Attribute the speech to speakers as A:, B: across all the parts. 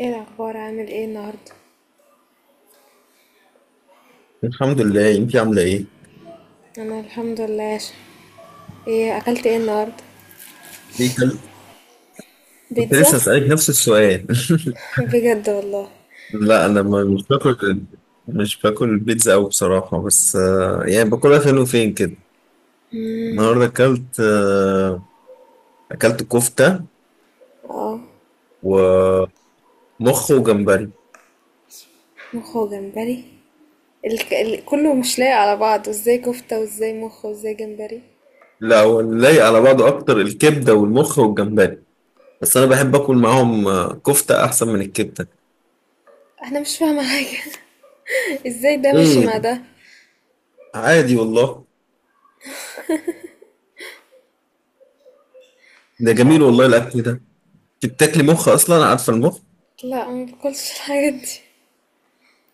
A: ايه الاخبار، عامل ايه النهارده؟
B: الحمد لله، انت عامله ايه؟
A: انا الحمد لله. ايه اكلت ايه النهارده؟
B: ايه كل- كنت
A: بيتزا.
B: لسه اسالك نفس السؤال.
A: بجد والله.
B: لا، انا مش باكل. مش باكل البيتزا قوي بصراحه، بس يعني باكلها فين وفين كده. النهارده اكلت كفته
A: اه،
B: ومخ وجمبري.
A: مخ وجمبري. كله مش لايق على بعض، وازاي كفته وازاي مخ وازاي جمبري؟
B: لا، هو اللي لايق على بعضه اكتر الكبده والمخ والجمبري. بس انا بحب اكل معاهم. كفته احسن من الكبده.
A: انا مش فاهمه حاجه. ازاي ده ماشي
B: ايه؟
A: مع ده؟
B: عادي والله. ده
A: مش
B: جميل
A: عارف.
B: والله الاكل ده. انت بتاكلي مخ اصلا؟ عارفه المخ؟
A: لا، ما باكلش الحاجات دي.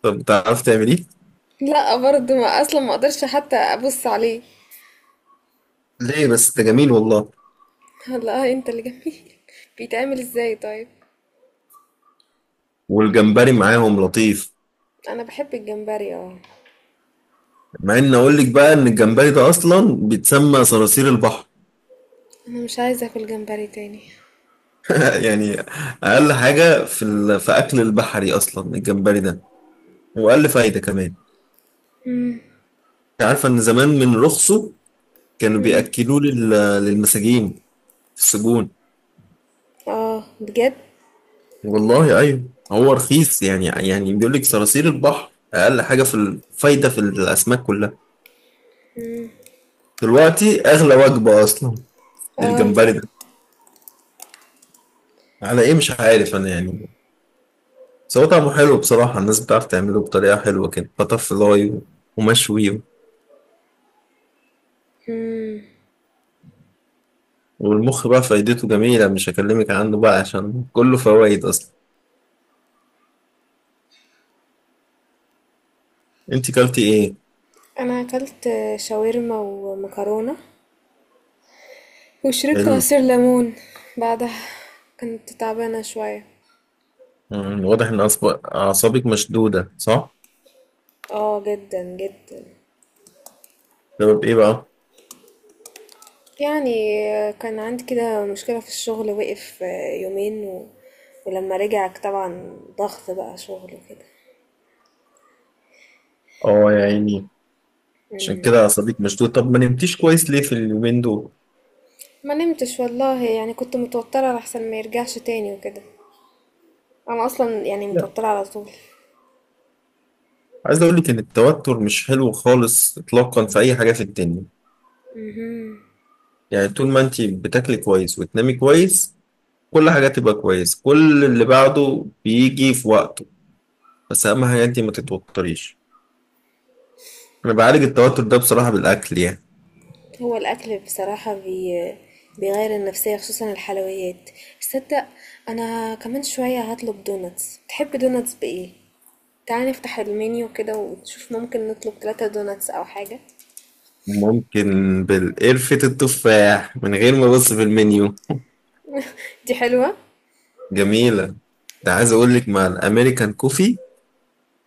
B: طب بتعرفي تعمليه؟
A: لا برضه، ما اصلا ما اقدرش حتى ابص عليه.
B: ليه بس؟ ده جميل والله.
A: والله، آه انت اللي جميل. بيتعمل ازاي طيب؟
B: والجمبري معاهم لطيف.
A: انا بحب الجمبري، اه.
B: مع ان اقول لك بقى ان الجمبري ده اصلا بيتسمى صراصير البحر.
A: انا مش عايزه اكل جمبري تاني.
B: يعني اقل حاجه في اكل البحري اصلا الجمبري ده. واقل فايده كمان. أنت عارفه ان زمان من رخصه كانوا بياكلوه للمساجين في السجون.
A: اه، بجد.
B: والله، ايوه، هو رخيص يعني بيقول لك صراصير البحر اقل حاجه في الفايده في الاسماك كلها. دلوقتي اغلى وجبه اصلا
A: اه،
B: للجمبري ده. على ايه؟ مش عارف انا، يعني. بس هو طعمه حلو بصراحة، الناس بتعرف تعمله بطريقة حلوة كده، بتر فلاي ومشوي. والمخ بقى فايدته جميلة، مش هكلمك عنه بقى عشان كله فوائد أصلا. أنت كلتي إيه؟
A: انا اكلت شاورما ومكرونة، وشربت
B: حلو.
A: عصير ليمون بعدها. كنت تعبانة شوية.
B: واضح إن أعصابك مشدودة، صح؟
A: اه، جدا جدا.
B: سبب إيه بقى؟
A: يعني كان عندي كده مشكلة في الشغل، وقف يومين. ولما رجع طبعا، ضغط بقى شغل وكده.
B: آه يا عيني. عشان كده أعصابك مشدودة. طب ما نمتيش كويس ليه في اليومين دول؟
A: ما نمتش والله، يعني كنت متوترة لحسن ما يرجعش تاني وكده. انا اصلا يعني
B: لا.
A: متوترة على طول.
B: عايز أقول لك إن التوتر مش حلو خالص إطلاقا في أي حاجة في الدنيا. يعني طول ما أنت بتاكلي كويس وتنامي كويس كل حاجة تبقى كويس، كل اللي بعده بيجي في وقته. بس أهم حاجة أنت ما تتوتريش. أنا بعالج التوتر ده بصراحة بالأكل، يعني.
A: هو الأكل بصراحة بيغير النفسية، خصوصا الحلويات. تصدق؟ أنا كمان شوية هطلب دوناتس. تحب دوناتس بإيه؟ تعالى نفتح المنيو كده ونشوف، ممكن نطلب ثلاثة دوناتس أو حاجة.
B: ممكن. بالقرفة التفاح من غير ما أبص في المنيو.
A: دي حلوة.
B: جميلة. ده عايز أقول لك مع الأمريكان كوفي،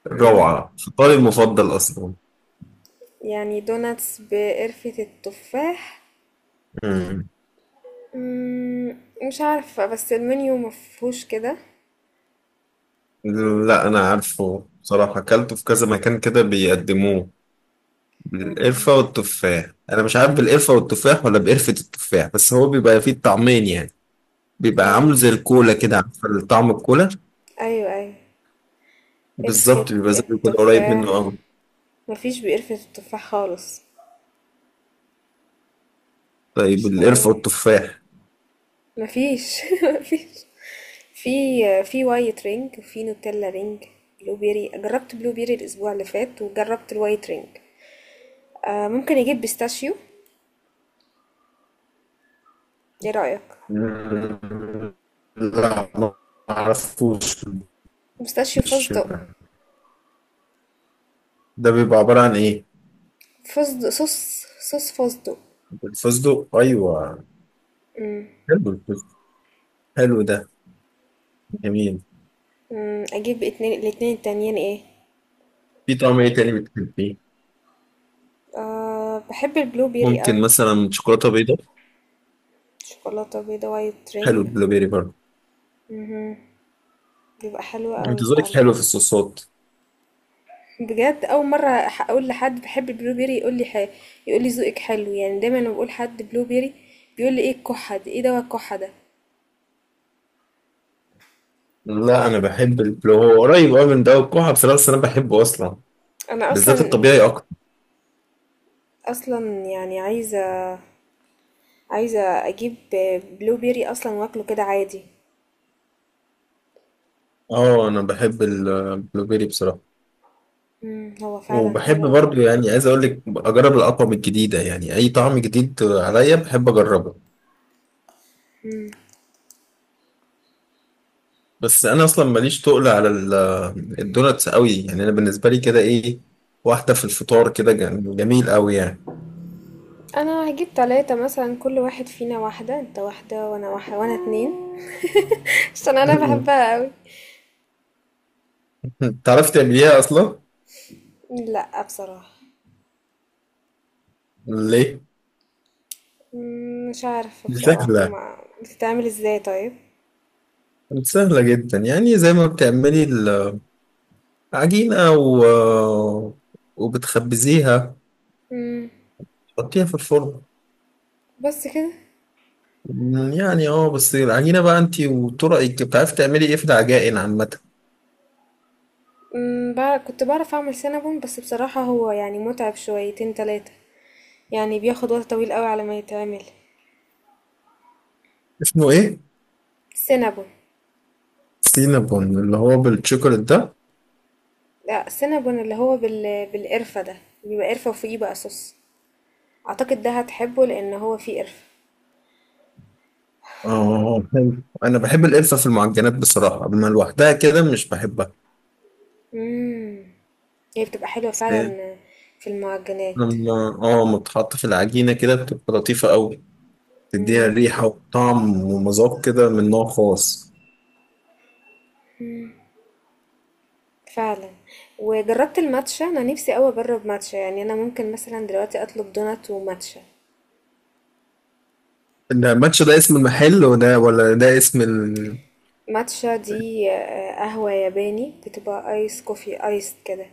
B: روعة، فطاري المفضل أصلا.
A: يعني دوناتس بقرفة التفاح.
B: مم.
A: مش عارفة، بس المنيو مفهوش كده.
B: لا، أنا عارفه بصراحة، أكلته في كذا مكان كده بيقدموه. بالقرفة والتفاح، أنا مش عارف بالقرفة والتفاح ولا بقرفة التفاح، بس هو بيبقى فيه الطعمين يعني. بيبقى عامله
A: أيوة،
B: زي الكولا كده، عارفة طعم الكولا؟
A: أيوة، أيوة. قرفة
B: بالظبط، بيبقى زي الكولا، قريب منه
A: التفاح،
B: أوي.
A: مفيش بقرفة التفاح خالص.
B: طيب،
A: مش
B: القرفة
A: لاقيه.
B: والتفاح.
A: مفيش. مفيش. في في وايت رينج، وفي نوتيلا رينج. بلو بيري. جربت بلو بيري الاسبوع اللي فات، وجربت الوايت رينج. آه، ممكن اجيب بيستاشيو. ايه رايك؟
B: مم، لا، ما أعرفوش.
A: بيستاشيو، فستق.
B: بالشبه. ده بيبقى عبارة عن إيه؟
A: فستق صوص. صوص فستق.
B: الفستق، أيوه. حلو الفستق. حلو ده. جميل.
A: اجيب اتنين، الاتنين التانيين ايه؟
B: في طعم إيه تاني بتحبيه؟
A: آه، بحب البلو بيري
B: ممكن
A: قوي.
B: مثلا شوكولاتة بيضاء.
A: شوكولاته بيضه، وايت
B: حلو
A: رينج.
B: البلوبيري برضه.
A: بيبقى حلو قوي
B: أنت ذوقك
A: فعلا.
B: حلو في الصوصات.
A: بجد، اول مره اقول لحد بحب البلو بيري يقول لي. يقول لي ذوقك حلو، يعني دايما لما بقول حد بلو بيري، بيقول لي ايه الكحه دي، ايه دوا الكحه ده؟
B: لا، أنا بحب البلو، هو قريب أوي من ده والكحة بصراحة، بس أنا بحبه أصلا.
A: انا
B: بالذات
A: اصلا
B: الطبيعي أكتر.
A: اصلا يعني عايزه اجيب بلو بيري اصلا، واكله كده عادي.
B: اه، انا بحب البلوبيري بصراحه.
A: هو فعلا
B: وبحب
A: حلو قوي.
B: برضو، يعني عايز اقول لك اجرب الاطعمه الجديده، يعني اي طعم جديد عليا بحب اجربه. بس انا اصلا ماليش تقل على الدوناتس قوي، يعني انا بالنسبه لي كده ايه، واحده في الفطار كده جميل قوي يعني.
A: انا هجيب ثلاثة مثلا، كل واحد فينا واحده، انت واحده وانا واحده، وانا اتنين. عشان انا بحبها قوي.
B: تعرفي تعمليها اصلا؟
A: لا، بصراحه.
B: ليه؟
A: مش عارفه
B: دي
A: بصراحه،
B: سهله.
A: ما بتتعمل ازاي طيب؟
B: دي سهله جدا، يعني زي ما بتعملي العجينه وبتخبزيها،
A: امم،
B: تحطيها في الفرن.
A: بس كده.
B: يعني بس العجينة بقى انت وطرقك بتعرفي تعملي ايه في العجائن عامة.
A: كنت بعرف اعمل سينابون، بس بصراحة هو يعني متعب شويتين تلاتة. يعني بياخد وقت طويل قوي على ما يتعمل.
B: اسمه ايه؟
A: سينابون.
B: سينابون اللي هو بالشوكولات ده.
A: لا، سينابون اللي هو بالقرفة ده. بيبقى قرفة وفوقيه بقى صوص. اعتقد ده هتحبه، لان هو فيه قرفة.
B: اه، حلو، انا بحب القرفة في المعجنات بصراحة، اما لوحدها كده مش بحبها.
A: امم هي بتبقى حلوة
B: بس
A: فعلا، في المعجنات
B: لما متحط في العجينة كده بتبقى لطيفة قوي، تديها ريحة وطعم ومذاق كده من نوع خاص.
A: فعلا. وجربت الماتشا. انا نفسي قوي اجرب ماتشا، يعني انا ممكن مثلا دلوقتي اطلب دونات وماتشا.
B: ده ماتش، ده اسم المحل وده ولا ده اسم؟
A: ماتشا دي قهوة ياباني، بتبقى ice coffee iced كده.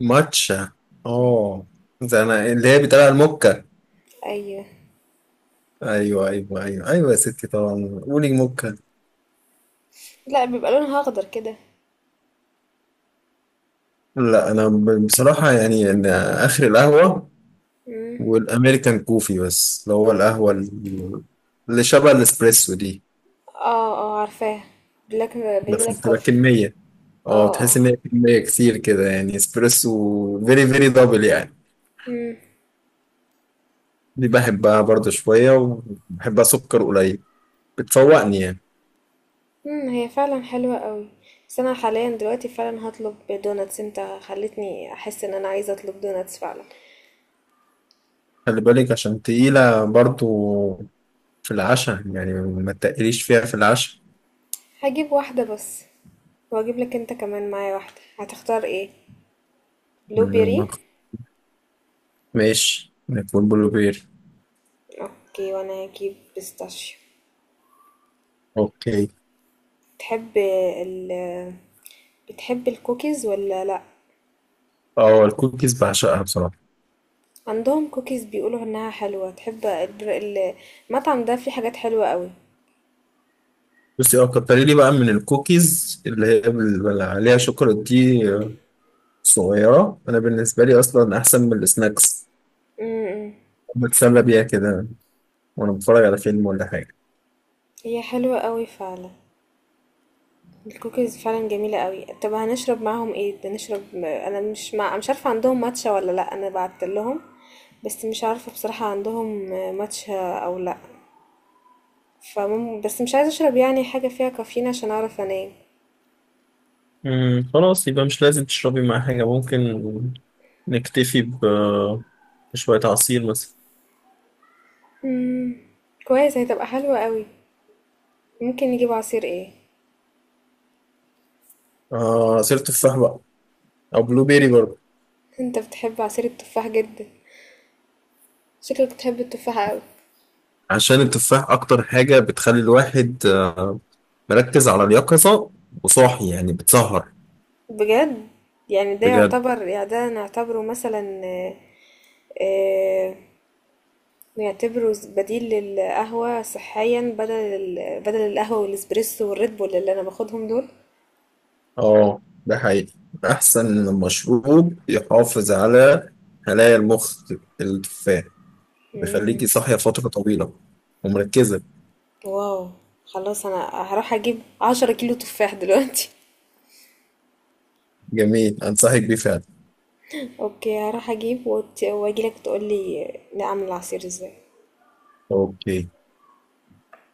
B: الماتشا. اه. ده انا اللي هي بتقال على الموكا.
A: أيوه.
B: ايوه ايوه ايوه ايوه، يا ستي طبعا، قولي موكا.
A: لأ، بيبقى لونها أخضر كده.
B: لا، انا بصراحه يعني إن اخر القهوه والامريكان كوفي، بس اللي هو القهوه اللي شبه الاسبريسو دي.
A: آه، آه، عارفاها. black
B: بس
A: black
B: بتبقى
A: coffee.
B: كميه، اه،
A: آه،
B: تحس
A: آه.
B: ان هي كميه كتير كده، يعني اسبريسو فيري فيري دبل يعني. دي بحبها برضه شويه، وبحبها سكر قليل، بتفوقني يعني.
A: هي فعلًا حلوة أوي، بس أنا حاليًا دلوقتي فعلًا هاطلب دوناتس. أنت خلّيتني أحس إن أنا عايزة أطلب دوناتس فعلًا.
B: خلي بالك عشان تقيله برضه في العشاء، يعني ما تقليش فيها في العشاء.
A: هاجيب واحدة بس، وهاجيب لك أنت كمان معايا واحدة. هتختار إيه؟ بلو بيري؟
B: مم، ماشي نكون بلو بير.
A: أوكي، وأنا هاجيب بيستاشيو.
B: اوكي.
A: بتحب ال بتحب الكوكيز والّا لأ؟
B: اه، الكوكيز بعشقها بصراحه.
A: عندهم كوكيز بيقولوا إنها حلوة. تحب الر ال المطعم ده فيه حاجات حلوة أوي.
B: بصي، كتري لي بقى من الكوكيز اللي هي اللي عليها شوكولاته دي. صغيره انا بالنسبه لي اصلا احسن من السناكس،
A: إمم، إمم،
B: بتسلى بيها كده وانا بتفرج على فيلم ولا حاجه.
A: هي حلوة أوي فعلًا، الكوكيز فعلًا جميلة أوي. طب هنشرب معاهم إيه؟ ده نشرب، أنا مش عارفة عندهم ماتشا والّا لأ. أنا بعت لهم، بس مش عارفة بصراحة، عندهم ماتشا أو لأ. بس مش عايزة أشرب يعني حاجة فيها كافيين عشان أعرف أنام.
B: خلاص، يبقى مش لازم تشربي مع حاجه، ممكن نكتفي بشويه عصير مثلا.
A: إمم، كويس، هتبقى حلوة أوي. ممكن نجيب عصير ايه؟
B: عصير تفاح بقى، او بلو بيري برضه.
A: انت بتحب عصير التفاح جدا. شكلك بتحب التفاح اوي.
B: عشان التفاح اكتر حاجه بتخلي الواحد مركز على اليقظه وصاحي، يعني بتسهر.
A: بجد؟ يعني ده
B: بجد.
A: يعتبر يعني ده نعتبره مثلا آه، آه، نعتبره بديل للقهوة صحيا، بدل القهوة والاسبريسو والريد بول اللي انا باخدهم دول.
B: اه، ده حقيقي. أحسن مشروب يحافظ على خلايا المخ، التفاح.
A: مم.
B: بيخليكي صاحية فترة طويلة ومركزة.
A: واو. خلاص، انا هروح اجيب 10 كيلو تفاح دلوقتي.
B: جميل، أنصحك بيه فعلا.
A: اوكي، هروح اجيب واجيلك تقولي نعمل العصير ازاي.
B: أوكي